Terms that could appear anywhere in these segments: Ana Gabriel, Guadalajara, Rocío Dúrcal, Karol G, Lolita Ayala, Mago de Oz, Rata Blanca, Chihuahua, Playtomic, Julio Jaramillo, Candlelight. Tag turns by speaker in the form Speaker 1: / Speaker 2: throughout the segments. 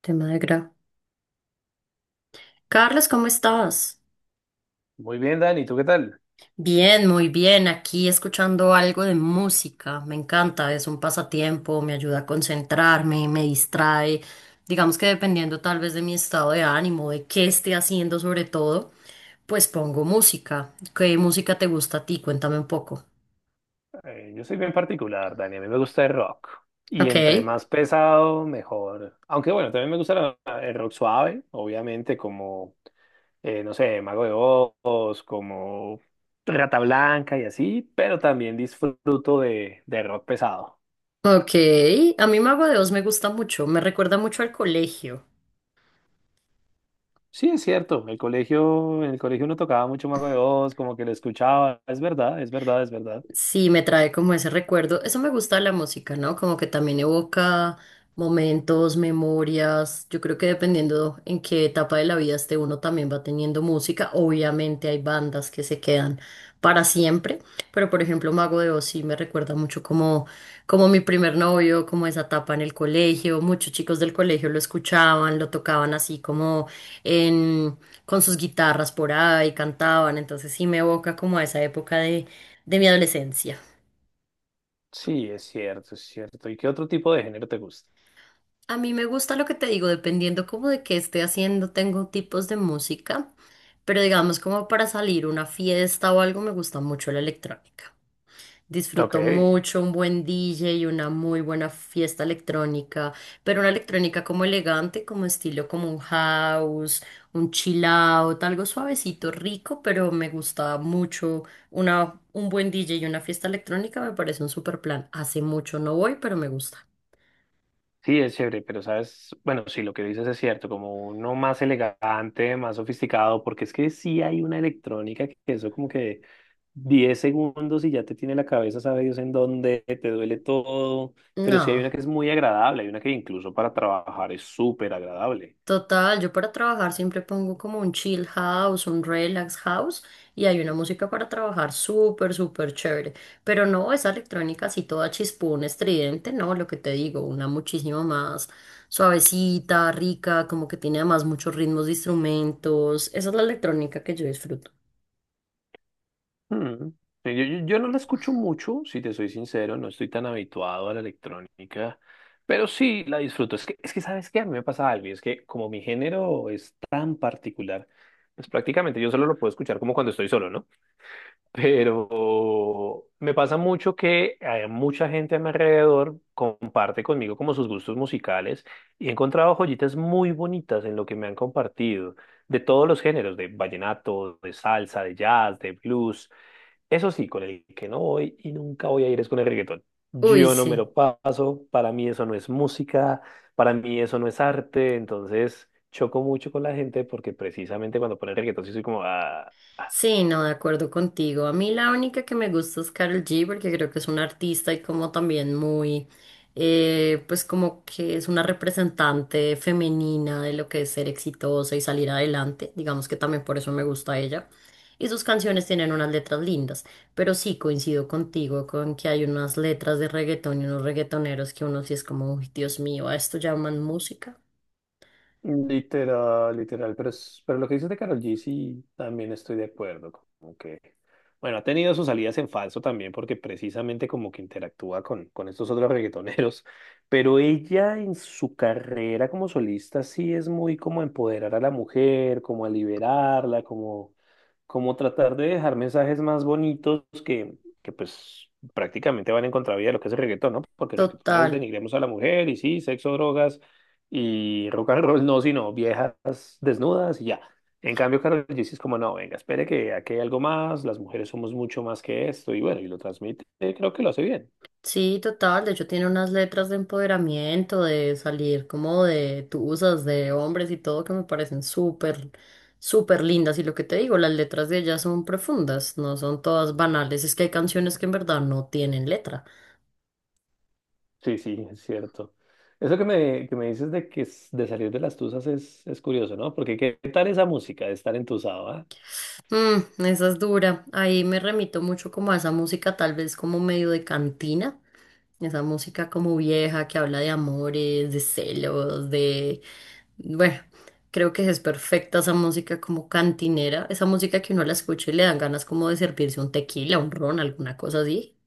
Speaker 1: Te me alegra. Carlos, ¿cómo estás?
Speaker 2: Muy bien, Dani, ¿tú qué tal?
Speaker 1: Bien, muy bien. Aquí escuchando algo de música. Me encanta, es un pasatiempo, me ayuda a concentrarme, me distrae. Digamos que dependiendo tal vez de mi estado de ánimo, de qué esté haciendo sobre todo, pues pongo música. ¿Qué música te gusta a ti? Cuéntame un poco.
Speaker 2: Yo soy bien particular, Dani, a mí me gusta el rock. Y
Speaker 1: Ok,
Speaker 2: entre más pesado, mejor. Aunque bueno, también me gusta el rock suave, obviamente, como, no sé, Mago de Oz, como Rata Blanca y así, pero también disfruto de rock pesado.
Speaker 1: ok. A mí Mago de Oz me gusta mucho, me recuerda mucho al colegio.
Speaker 2: Sí, es cierto, el colegio, en el colegio uno tocaba mucho Mago de Oz, como que lo escuchaba, es verdad, es verdad, es verdad.
Speaker 1: Sí, me trae como ese recuerdo. Eso me gusta de la música, ¿no? Como que también evoca momentos, memorias. Yo creo que dependiendo en qué etapa de la vida esté uno también va teniendo música. Obviamente hay bandas que se quedan para siempre, pero por ejemplo Mago de Oz sí me recuerda mucho como, como mi primer novio, como esa etapa en el colegio. Muchos chicos del colegio lo escuchaban, lo tocaban así como en, con sus guitarras por ahí, cantaban. Entonces sí me evoca como a esa época de mi adolescencia.
Speaker 2: Sí, es cierto, es cierto. ¿Y qué otro tipo de género te gusta?
Speaker 1: A mí me gusta lo que te digo, dependiendo como de qué esté haciendo, tengo tipos de música, pero digamos como para salir a una fiesta o algo, me gusta mucho la electrónica.
Speaker 2: Ok.
Speaker 1: Disfruto mucho un buen DJ y una muy buena fiesta electrónica, pero una electrónica como elegante, como estilo como un house, un chill out, algo suavecito, rico, pero me gusta mucho una, un buen DJ y una fiesta electrónica, me parece un super plan. Hace mucho no voy, pero me gusta.
Speaker 2: Sí, es chévere, pero sabes, bueno, sí, lo que dices es cierto, como uno más elegante, más sofisticado, porque es que sí hay una electrónica que eso como que 10 segundos y ya te tiene la cabeza, sabe Dios en dónde, te duele todo, pero sí hay
Speaker 1: No.
Speaker 2: una que es muy agradable, hay una que incluso para trabajar es súper agradable.
Speaker 1: Total, yo para trabajar siempre pongo como un chill house, un relax house y hay una música para trabajar súper, súper chévere. Pero no esa electrónica así toda chispón, estridente, no, lo que te digo, una muchísimo más suavecita, rica, como que tiene además muchos ritmos de instrumentos. Esa es la electrónica que yo disfruto.
Speaker 2: Mm. Sí, yo no la escucho mucho, si te soy sincero, no estoy tan habituado a la electrónica, pero sí la disfruto. Es que ¿sabes qué? A mí me pasa algo, y es que como mi género es tan particular, pues prácticamente yo solo lo puedo escuchar como cuando estoy solo, ¿no? Pero me pasa mucho que hay mucha gente a mi alrededor comparte conmigo como sus gustos musicales y he encontrado joyitas muy bonitas en lo que me han compartido, de todos los géneros, de vallenato, de salsa, de jazz, de blues. Eso sí, con el que no voy y nunca voy a ir es con el reggaetón.
Speaker 1: Uy,
Speaker 2: Yo no me
Speaker 1: sí.
Speaker 2: lo paso, para mí eso no es música, para mí eso no es arte, entonces choco mucho con la gente porque precisamente cuando ponen reggaetón sí soy como, ah, ah.
Speaker 1: Sí, no, de acuerdo contigo. A mí la única que me gusta es Karol G porque creo que es una artista y como también muy, pues como que es una representante femenina de lo que es ser exitosa y salir adelante. Digamos que también por eso me gusta ella. Y sus canciones tienen unas letras lindas, pero sí coincido contigo con que hay unas letras de reggaetón y unos reggaetoneros que uno sí es como, "Uy, Dios mío, ¿a esto llaman música?
Speaker 2: Literal, literal, pero, pero lo que dices de Karol G sí también estoy de acuerdo, como que, bueno, ha tenido sus salidas en falso también porque precisamente como que interactúa con estos otros reggaetoneros, pero ella en su carrera como solista sí es muy como empoderar a la mujer, como a liberarla, como, como tratar de dejar mensajes más bonitos que pues prácticamente van en contravía de lo que es el reggaetón, ¿no? Porque el reggaetón es
Speaker 1: Total.
Speaker 2: denigremos a la mujer y sí, sexo, drogas y rock and roll no, sino viejas desnudas y ya. En cambio, Karol G sí es como, no, venga, espere que aquí hay algo más, las mujeres somos mucho más que esto, y bueno, y lo transmite, creo que lo hace bien.
Speaker 1: Sí, total. De hecho, tiene unas letras de empoderamiento, de salir como de tusas, de hombres y todo que me parecen súper, súper lindas. Y lo que te digo, las letras de ella son profundas, no son todas banales. Es que hay canciones que en verdad no tienen letra.
Speaker 2: Sí, sí, es cierto. Eso que me dices de que de salir de las tuzas es curioso, ¿no? Porque qué tal esa música de estar entusado, ¿ah?
Speaker 1: Mm, esa es dura. Ahí me remito mucho como a esa música, tal vez como medio de cantina. Esa música como vieja que habla de amores, de celos, de bueno, creo que es perfecta esa música como cantinera, esa música que uno la escucha y le dan ganas como de servirse un tequila, un ron, alguna cosa así.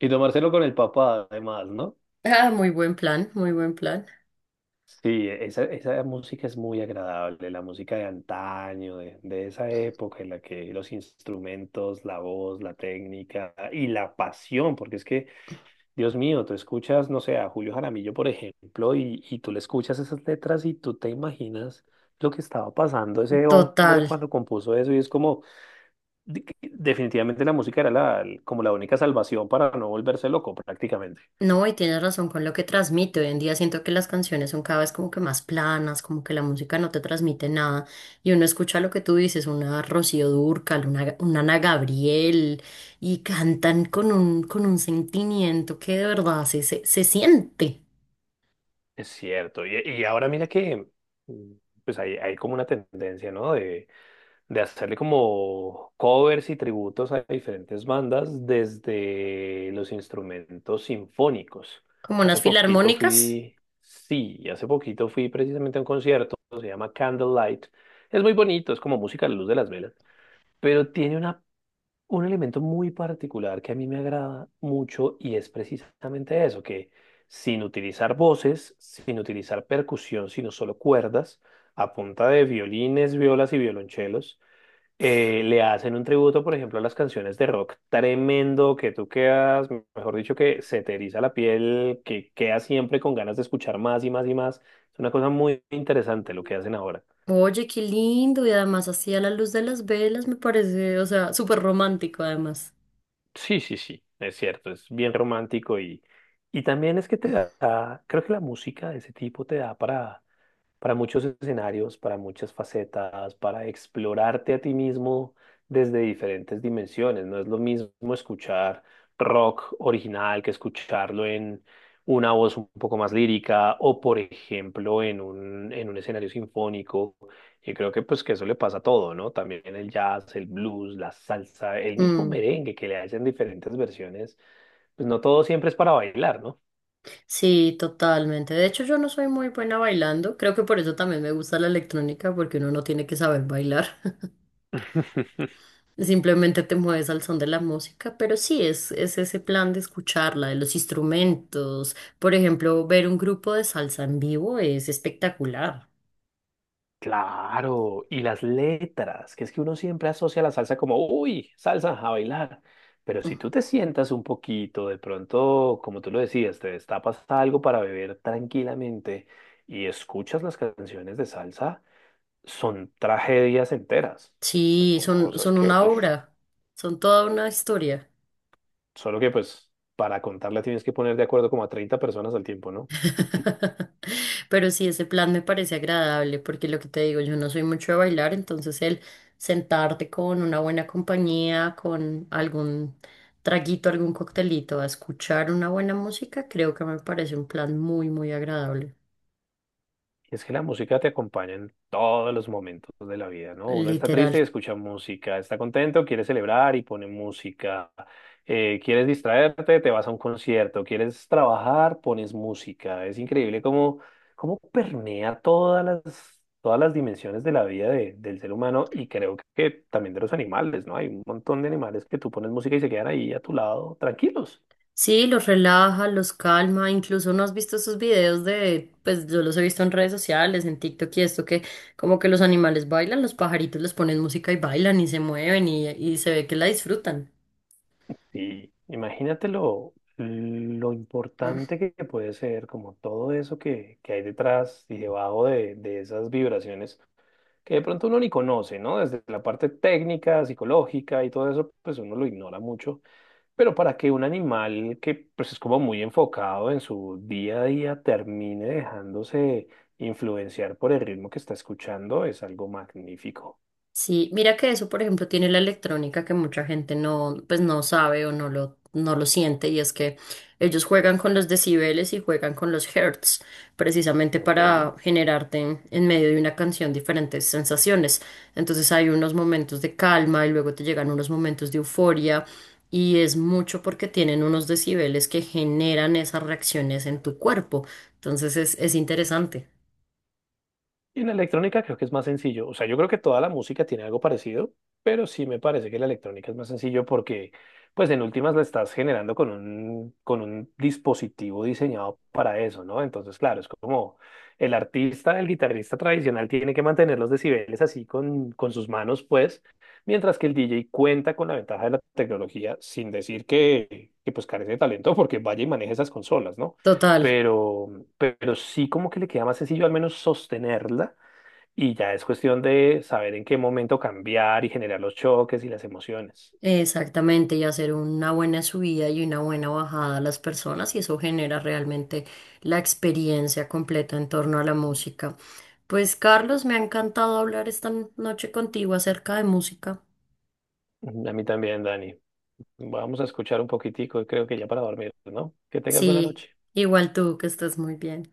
Speaker 2: Y tomárselo con el papá, además, ¿no?
Speaker 1: Ah, muy buen plan, muy buen plan.
Speaker 2: Sí, esa música es muy agradable, la música de antaño, de esa época en la que los instrumentos, la voz, la técnica y la pasión, porque es que, Dios mío, tú escuchas, no sé, a Julio Jaramillo, por ejemplo, y tú le escuchas esas letras y tú te imaginas lo que estaba pasando ese hombre
Speaker 1: Total.
Speaker 2: cuando compuso eso y es como, que definitivamente la música era la, como la única salvación para no volverse loco prácticamente.
Speaker 1: No, y tienes razón con lo que transmite. Hoy en día siento que las canciones son cada vez como que más planas, como que la música no te transmite nada. Y uno escucha lo que tú dices, una Rocío Dúrcal, una Ana Gabriel, y cantan con un sentimiento que de verdad se siente.
Speaker 2: Es cierto. Y ahora mira que mm, pues hay como una tendencia, ¿no? De hacerle como covers y tributos a diferentes bandas desde los instrumentos sinfónicos.
Speaker 1: Como unas
Speaker 2: Hace poquito
Speaker 1: filarmónicas.
Speaker 2: fui, sí, hace poquito fui precisamente a un concierto, se llama Candlelight. Es muy bonito, es como música a la luz de las velas, pero tiene una un elemento muy particular que a mí me agrada mucho y es precisamente eso, que sin utilizar voces, sin utilizar percusión, sino solo cuerdas, a punta de violines, violas y violonchelos, le hacen un tributo, por ejemplo, a las canciones de rock tremendo que tú quedas, mejor dicho, que se te eriza la piel, que quedas siempre con ganas de escuchar más y más y más. Es una cosa muy interesante lo que hacen ahora.
Speaker 1: Oye, qué lindo, y además así a la luz de las velas me parece, o sea, súper romántico además.
Speaker 2: Sí, sí, sí, es cierto, es bien romántico y también es que te da, creo que la música de ese tipo te da para muchos escenarios, para muchas facetas, para explorarte a ti mismo desde diferentes dimensiones. No es lo mismo escuchar rock original que escucharlo en una voz un poco más lírica o, por ejemplo, en un escenario sinfónico. Y creo que pues que eso le pasa a todo, ¿no? También el jazz, el blues, la salsa, el mismo
Speaker 1: Mm,
Speaker 2: merengue que le hacen diferentes versiones, pues no todo siempre es para bailar, ¿no?
Speaker 1: sí, totalmente. De hecho, yo no soy muy buena bailando, creo que por eso también me gusta la electrónica, porque uno no tiene que saber bailar, simplemente te mueves al son de la música, pero sí, es ese plan de escucharla, de los instrumentos. Por ejemplo, ver un grupo de salsa en vivo es espectacular.
Speaker 2: Claro, y las letras, que es que uno siempre asocia la salsa como, uy, salsa a bailar. Pero
Speaker 1: Mm,
Speaker 2: si tú te sientas un poquito, de pronto, como tú lo decías, te destapas algo para beber tranquilamente y escuchas las canciones de salsa, son tragedias enteras. O sea,
Speaker 1: sí,
Speaker 2: son
Speaker 1: son,
Speaker 2: cosas
Speaker 1: son
Speaker 2: que,
Speaker 1: una
Speaker 2: uf,
Speaker 1: obra, son toda una historia.
Speaker 2: solo que pues para contarla tienes que poner de acuerdo como a 30 personas al tiempo, ¿no?
Speaker 1: Pero sí, ese plan me parece agradable porque lo que te digo, yo no soy mucho de bailar, entonces el sentarte con una buena compañía, con algún traguito, algún coctelito, a escuchar una buena música, creo que me parece un plan muy, muy agradable,
Speaker 2: Y es que la música te acompaña en todos los momentos de la vida, ¿no? Uno está
Speaker 1: literal.
Speaker 2: triste y escucha música, está contento, quiere celebrar y pone música. Quieres distraerte, te vas a un concierto, quieres trabajar, pones música. Es increíble cómo, cómo permea todas las dimensiones de la vida del ser humano y creo que también de los animales, ¿no? Hay un montón de animales que tú pones música y se quedan ahí a tu lado tranquilos.
Speaker 1: Sí, los relaja, los calma, incluso no has visto esos videos de, pues yo los he visto en redes sociales, en TikTok y esto que como que los animales bailan, los pajaritos les ponen música y bailan y se mueven y se ve que la disfrutan.
Speaker 2: Sí, imagínate lo importante que puede ser, como todo eso que hay detrás y debajo de esas vibraciones que de pronto uno ni conoce, ¿no? Desde la parte técnica, psicológica y todo eso, pues uno lo ignora mucho. Pero para que un animal que pues es como muy enfocado en su día a día termine dejándose influenciar por el ritmo que está escuchando, es algo magnífico,
Speaker 1: Sí, mira que eso, por ejemplo, tiene la electrónica que mucha gente no, pues no sabe o no lo, no lo siente, y es que ellos juegan con los decibeles y juegan con los hertz, precisamente
Speaker 2: ¿ok?
Speaker 1: para generarte en medio de una canción diferentes sensaciones. Entonces hay unos momentos de calma y luego te llegan unos momentos de euforia, y es mucho porque tienen unos decibeles que generan esas reacciones en tu cuerpo. Entonces es interesante.
Speaker 2: Y en la electrónica creo que es más sencillo. O sea, yo creo que toda la música tiene algo parecido, pero sí me parece que la electrónica es más sencillo porque, pues, en últimas la estás generando con un dispositivo diseñado para eso, ¿no? Entonces, claro, es como el artista, el guitarrista tradicional tiene que mantener los decibeles así con sus manos, pues, mientras que el DJ cuenta con la ventaja de la tecnología, sin decir que pues, carece de talento porque vaya y maneje esas consolas, ¿no?
Speaker 1: Total.
Speaker 2: Pero sí como que le queda más sencillo al menos sostenerla y ya es cuestión de saber en qué momento cambiar y generar los choques y las emociones.
Speaker 1: Exactamente, y hacer una buena subida y una buena bajada a las personas, y eso genera realmente la experiencia completa en torno a la música. Pues Carlos, me ha encantado hablar esta noche contigo acerca de música.
Speaker 2: Ujú, a mí también, Dani. Vamos a escuchar un poquitico y creo que ya para dormir, ¿no? Que tengas buena
Speaker 1: Sí,
Speaker 2: noche.
Speaker 1: igual tú, que estés muy bien.